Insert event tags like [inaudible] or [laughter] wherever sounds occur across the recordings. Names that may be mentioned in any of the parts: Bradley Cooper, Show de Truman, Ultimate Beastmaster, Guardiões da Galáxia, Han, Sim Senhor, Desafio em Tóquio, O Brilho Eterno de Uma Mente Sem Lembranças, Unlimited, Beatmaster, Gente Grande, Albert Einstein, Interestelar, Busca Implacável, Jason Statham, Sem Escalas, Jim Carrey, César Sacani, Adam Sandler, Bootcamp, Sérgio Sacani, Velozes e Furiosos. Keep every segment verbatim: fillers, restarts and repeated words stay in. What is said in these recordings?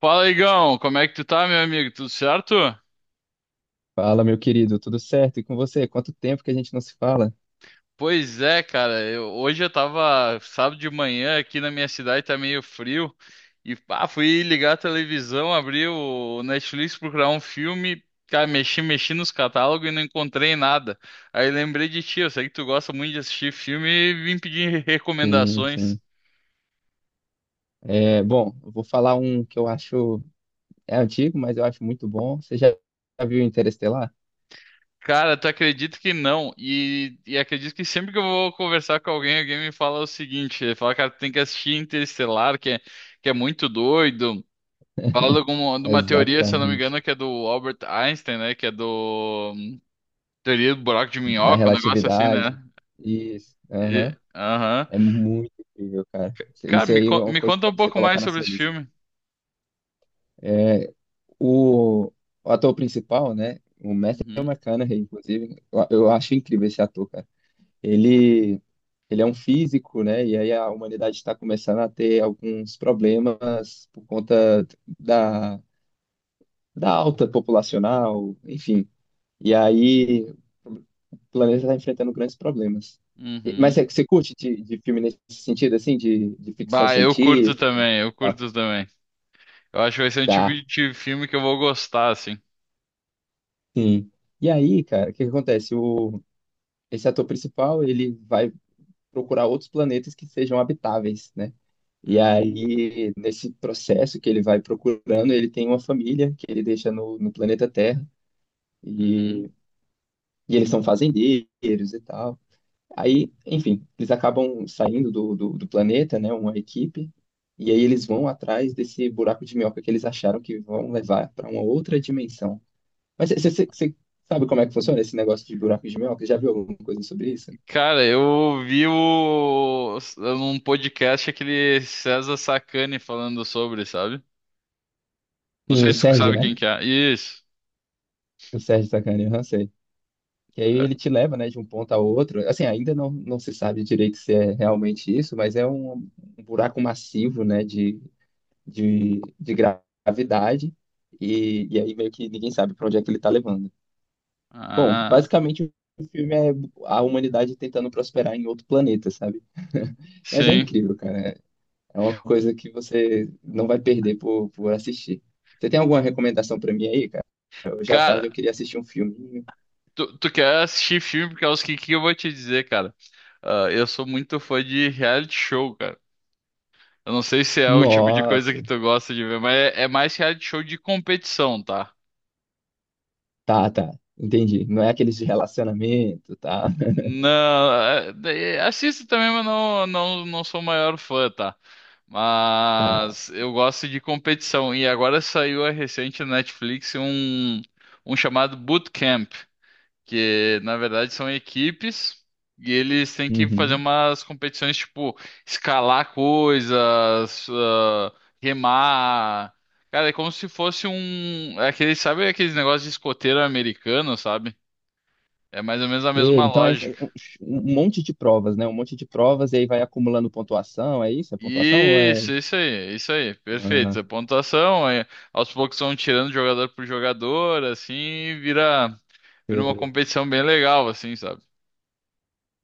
Fala, Igão, como é que tu tá, meu amigo? Tudo certo? Fala, meu querido, tudo certo? E com você? Quanto tempo que a gente não se fala? Pois é, cara, eu- hoje eu tava sábado de manhã aqui na minha cidade, tá meio frio, e pá, fui ligar a televisão, abri o Netflix, procurar um filme, cara, mexi, mexi nos catálogos e não encontrei nada. Aí lembrei de ti, eu sei que tu gosta muito de assistir filme e vim pedir Sim, recomendações. sim. É, bom, eu vou falar um que eu acho é antigo, mas eu acho muito bom. Você já já viu Interestelar? Cara, tu acredita que não? E, e acredito que sempre que eu vou conversar com alguém, alguém me fala o seguinte: ele fala, cara, tu tem que assistir Interestelar, que é, que é muito doido. Fala de, [laughs] alguma, de uma teoria, se eu não me Exatamente. engano, que é do Albert Einstein, né? Que é do hum, teoria do buraco de Da minhoca, um negócio assim, relatividade. né? Isso, E- aham. Aham. É muito incrível, cara. Cara, Isso me, aí é con- uma me coisa conta para um você pouco colocar mais na sobre sua esse lista. filme. É, o, o ator principal, né? O Matthew Uhum, McConaughey, inclusive, eu, eu acho incrível esse ator, cara. Ele, ele é um físico, né? E aí a humanidade está começando a ter alguns problemas por conta da, da alta populacional, enfim. E aí o planeta está enfrentando grandes problemas. E- Mas uhum. você, você curte de, de filme nesse sentido, assim, de, de ficção Bah, eu curto científica? também, eu Ah, curto também. Eu acho que vai ser um tipo tá, de filme que eu vou gostar, assim. sim. E aí, cara, o que que acontece? O, esse ator principal, ele vai procurar outros planetas que sejam habitáveis, né? E Uhum, aí, nesse processo que ele vai procurando, ele tem uma família que ele deixa no, no planeta Terra, uhum. e, e eles são fazendeiros e tal. Aí, enfim, eles acabam saindo do, do, do planeta, né? Uma equipe, e aí eles vão atrás desse buraco de minhoca que eles acharam que vão levar para uma outra dimensão. Mas você sabe como é que funciona esse negócio de buraco de minhoca? Já viu alguma coisa sobre isso? Cara, eu vi o, um podcast aquele César Sacani falando sobre, sabe? Não Sim, sei o se tu Sérgio, sabe né? quem que é. Isso. O Sérgio Sacani, eu não sei. Que aí ele É. te leva, né, de um ponto a outro. Assim, ainda não, não se sabe direito se é realmente isso, mas é um, um buraco massivo, né, de, de, de gravidade. E, e aí meio que ninguém sabe para onde é que ele está levando. Bom, Ah, basicamente o filme é a humanidade tentando prosperar em outro planeta, sabe? [laughs] Mas é sim. incrível, cara. É uma coisa que você não vai perder por, por assistir. Você tem alguma recomendação para mim aí, cara? Hoje à tarde Cara, eu queria assistir um filminho. tu, tu quer assistir filme porque é os que, que eu vou te dizer, cara. Ah, eu sou muito fã de reality show, cara. Eu não sei se é o tipo de coisa que Nossa. tu gosta de ver, mas é, é mais reality show de competição, tá? Tá, tá. Entendi. Não é aqueles de relacionamento, tá? [laughs] Não, é- é- assisto também, mas não, não, não sou o maior fã, tá? Tá. Mas eu gosto de competição. E agora saiu a recente na Netflix um, um chamado Bootcamp, que na verdade são equipes e eles têm que fazer Uhum. umas competições tipo escalar coisas, ah, remar. Cara, é como se fosse um. é aquele, sabe aqueles negócios de escoteiro americano, sabe? É mais ou menos a E, mesma Hum. então é isso, lógica. um um um monte de provas, né? Um monte de provas e aí vai acumulando pontuação, é isso? É pontuação ou é. Isso, isso aí, isso aí, Ah, perfeito. A pontuação, aí, aos poucos vão tirando jogador por jogador, assim, e vira, vira uma sei. competição bem legal, assim, sabe?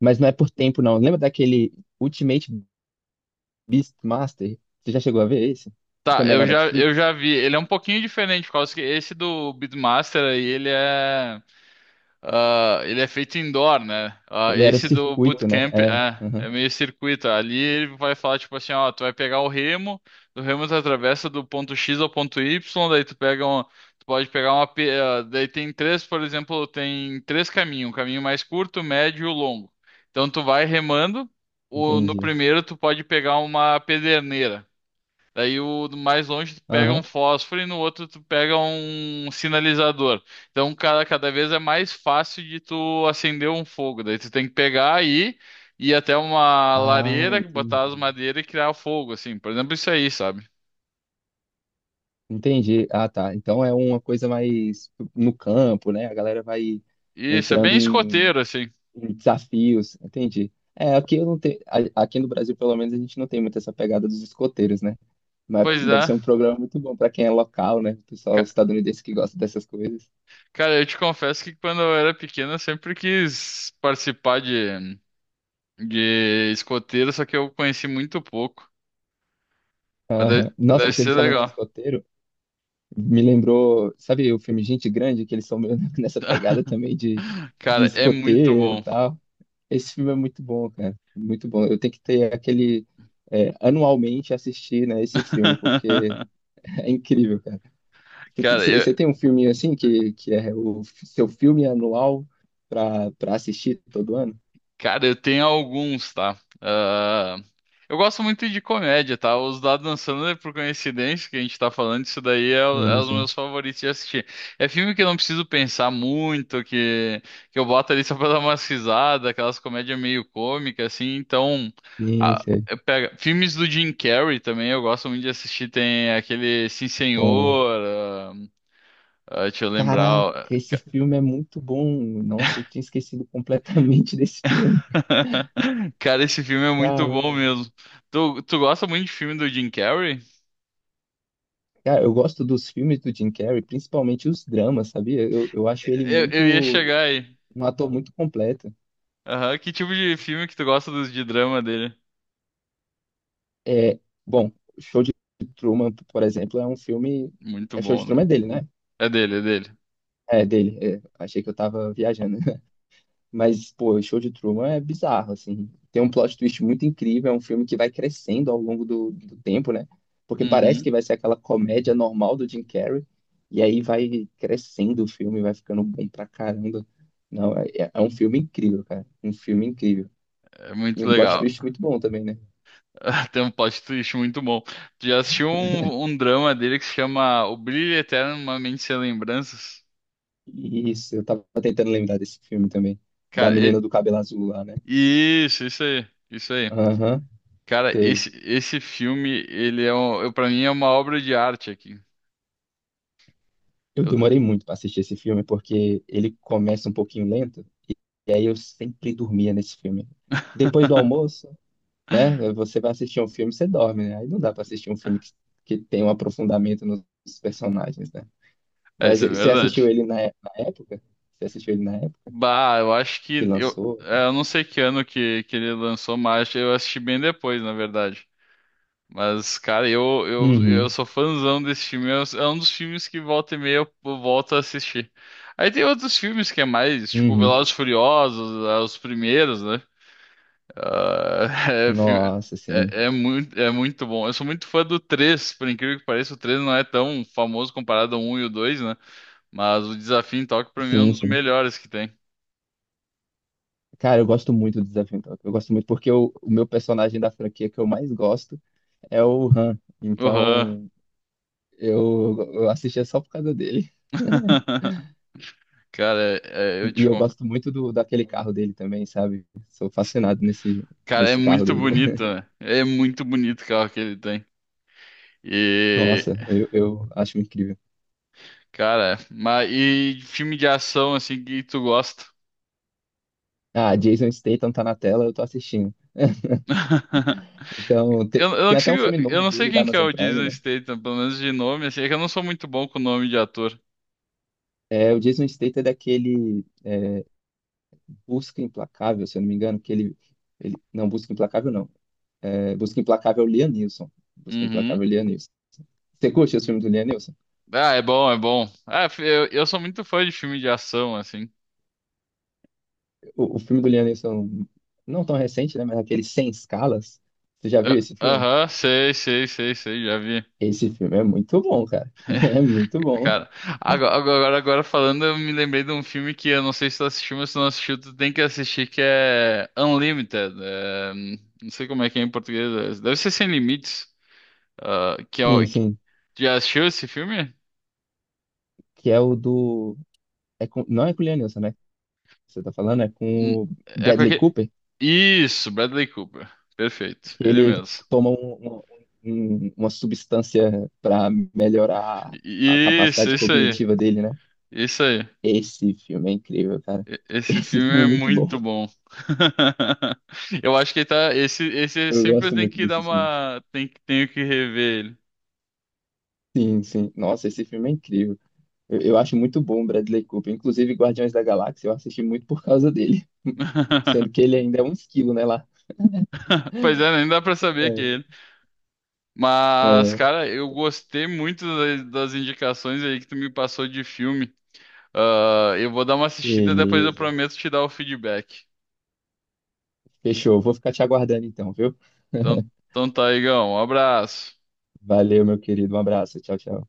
Mas não é por tempo, não. Lembra daquele Ultimate Beastmaster? Você já chegou a ver esse? Que Tá, também é da eu já, eu Netflix? já vi. Ele é um pouquinho diferente, por causa que esse do Beatmaster aí, ele é. Ah, ele é feito indoor, né? Ah, Ele era o esse do circuito, né? bootcamp É. é, Uhum. é meio circuito. Ali ele vai falar tipo assim, ó, tu vai pegar o remo, do remo tu atravessa do ponto X ao ponto Y, daí tu pega um, tu pode pegar uma, pe- ah, daí tem três, por exemplo, tem três caminhos, um caminho mais curto, médio e o longo. Então tu vai remando, o, no Entendi. primeiro tu pode pegar uma pederneira. Daí o do mais longe tu pega um Aham. fósforo e no outro tu pega um sinalizador. Então, cara, cada vez é mais fácil de tu acender um fogo. Daí tu tem que pegar aí e ir até uma Ah, lareira, botar as entendi. madeiras e criar o fogo, assim. Por exemplo, isso aí, sabe? Entendi. Ah, tá. Então é uma coisa mais no campo, né? A galera vai Isso é bem entrando em escoteiro, assim. Em Desafios, entendi. É, aqui eu não tenho, aqui no Brasil, pelo menos, a gente não tem muito essa pegada dos escoteiros, né? Mas Pois deve é. ser um programa muito bom para quem é local, né? O pessoal Ca- estadunidense que gosta dessas coisas. Cara, eu te confesso que quando eu era pequeno eu sempre quis participar de, de escoteiro, só que eu conheci muito pouco. Mas Aham. deve, Nossa, deve você me ser falando de legal. escoteiro, me lembrou, sabe o filme Gente Grande, que eles são meio [laughs] nessa pegada [laughs] também de, de Cara, é muito escoteiro e bom. tal. Esse filme é muito bom, cara. Muito bom. Eu tenho que ter aquele, é, anualmente assistir, né, esse filme, porque [laughs] [laughs] é incrível, cara. Você tem Cara, você- eu, você tem um filminho assim que, que é o f- seu filme anual pra, pra assistir todo ano? cara, eu tenho alguns, tá? Ah, eu gosto muito de comédia, tá? Os da Adam Sandler, por coincidência, que a gente tá falando, isso daí é, o- é Sim, os sim. meus favoritos de assistir. É filme que eu não preciso pensar muito, que, que eu boto ali só pra [laughs] dar umas risadas, aquelas comédias meio cômicas, assim. Então, Sim, a- sim. eu pego- filmes do Jim Carrey também, eu gosto muito de assistir. Tem aquele Sim Bom. Senhor, ah, ah, deixa eu lembrar. Caraca, esse ah, filme é muito bom. Nossa, eu tinha esquecido completamente [laughs] desse filme. [laughs] Cara, esse filme é muito bom Caramba. mesmo. Tu, tu gosta muito de filme do Jim Carrey? Cara, eu gosto dos filmes do Jim Carrey, principalmente os dramas, sabia? Eu, eu acho ele Eu, muito, eu ia chegar aí. um ator muito completo. Aham. Que tipo de filme que tu gosta dos de drama dele? É, bom, Show de Truman, por exemplo, é um filme. Muito É Show de bom, né? Truman é dele, né? É dele, é dele. É dele, é. Achei que eu tava viajando. Mas, pô, o Show de Truman é bizarro, assim. Tem um plot twist muito incrível, é um filme que vai crescendo ao longo do, do tempo, né? Porque parece Uhum. que vai ser aquela comédia normal do Jim Carrey, e aí vai crescendo o filme, vai ficando bom pra caramba. Não, é, é é um filme incrível, cara. Um filme incrível. É E muito um plot legal. twist muito bom também, né? [laughs] Tem um plot twist muito bom. Tu já assistiu um, um drama dele que se chama O Brilho Eterno de Uma Mente Sem Lembranças? Isso, eu tava tentando lembrar desse filme também. Da Cara, e- menina do cabelo azul lá, né? isso, isso aí, isso aí. Aham, Cara, sei. esse, esse filme, ele é um, eu, pra mim é uma obra de arte aqui. Eu Eu- demorei muito pra assistir esse filme, porque ele começa um pouquinho lento, e aí eu sempre dormia nesse filme. Depois do [laughs] almoço, né? Você vai assistir um filme, você dorme, né? Aí não dá pra assistir um filme que, que tem um aprofundamento nos personagens, né? É, Mas isso é eh, você assistiu verdade. ele na, é- na época? Você assistiu ele na época Bah, eu acho que que eu, lançou? é, eu não sei que ano que, que ele lançou, mas eu assisti bem depois, na verdade. Mas, cara, eu, eu, eu Uhum, sou fãzão desse filme. É um é um dos filmes que volta e meia eu eu volto a assistir. Aí tem outros filmes que é mais, tipo, uhum. Velozes e Furiosos, é, os primeiros, né? Ah, [laughs] é, fi- Nossa, sim. é, é muito, é muito bom. Eu sou muito fã do três, por incrível que pareça, o três não é tão famoso comparado ao um e o dois, né? Mas o Desafio em Tóquio, pra mim, é um Sim, dos sim. melhores que tem. Cara, eu gosto muito do Desafio em Tóquio. Eu gosto muito porque o, o meu personagem da franquia que eu mais gosto é o Han. Aham. Então, eu, eu assistia só por causa dele. [laughs] [laughs] Cara, é- é, eu E, e te eu confesso. gosto muito do, daquele carro dele também, sabe? Sou fascinado nesse, Cara, é nesse carro muito dele. bonito, [laughs] né? É muito bonito o carro que ele tem. E, Nossa, eu, eu acho incrível. cara, mas e filme de ação assim que tu gosta? Ah, Jason Statham tá na tela, eu tô assistindo. [laughs] [laughs] Então, te- Eu, eu não tem até um consigo, filme eu novo não sei dele, da quem que é Amazon o Prime, Jason né? Statham, pelo menos de nome, assim, é que eu não sou muito bom com nome de ator. É, o Jason Statham é daquele Busca Implacável, se eu não me engano, que ele... ele não, Busca Implacável não. É, Busca Implacável é o Liam Neeson. Busca Uhum. Implacável é o Liam Neeson. Você curte os filmes do Liam Neeson? Ah, é bom, é bom. Ah, fi- eu, eu sou muito fã de filme de ação, assim. O, o filme do Liam Neeson, não tão recente, né? Mas aquele Sem Escalas. Você já viu Ah, esse filme? Aham, sei, sei, sei, sei, já vi. Esse filme é muito bom, cara. [laughs] É muito [laughs] bom. Cara, agora, agora, agora falando, eu me lembrei de um filme que eu não sei se tu assistiu, mas se tu não assistiu, tu tem que assistir, que é Unlimited. é, não sei como é que é em português. é, Deve ser Sem Limites. Ah, que é, Sim, o- que- sim. já assistiu esse filme? Que é o do. É com... Não é com o Liam Neeson, né? Você tá falando? É Hum, com o É com Bradley aquele... Cooper, Isso, Bradley Cooper. Perfeito, que ele ele mesmo. toma um- um- um- uma substância pra melhorar a I- Isso, capacidade isso aí. cognitiva dele, né? Isso aí. Esse filme é incrível, cara. E- [laughs] Esse Esse filme é filme é muito bom. muito bom. [laughs] Eu acho que ele tá. Esse, esse é Eu sempre gosto tem muito que dar desses filmes. uma. Tem, que- tenho que rever. Sim, sim. Nossa, esse filme é incrível. Eu, eu acho muito bom o Bradley Cooper. Inclusive, Guardiões da Galáxia, eu assisti muito por causa dele. [laughs] [laughs] Sendo que ele ainda é um esquilo, né? Lá Pois é, nem dá pra saber que é é, ele. Mas, é, cara, eu gostei muito das, das indicações aí que tu me passou de filme. Ah, eu vou dar uma assistida, depois eu beleza. prometo te dar o feedback. Fechou. Vou ficar te aguardando então, viu? Então, [laughs] então tá, Igão. Um abraço. Valeu, meu querido. Um abraço. Tchau, tchau.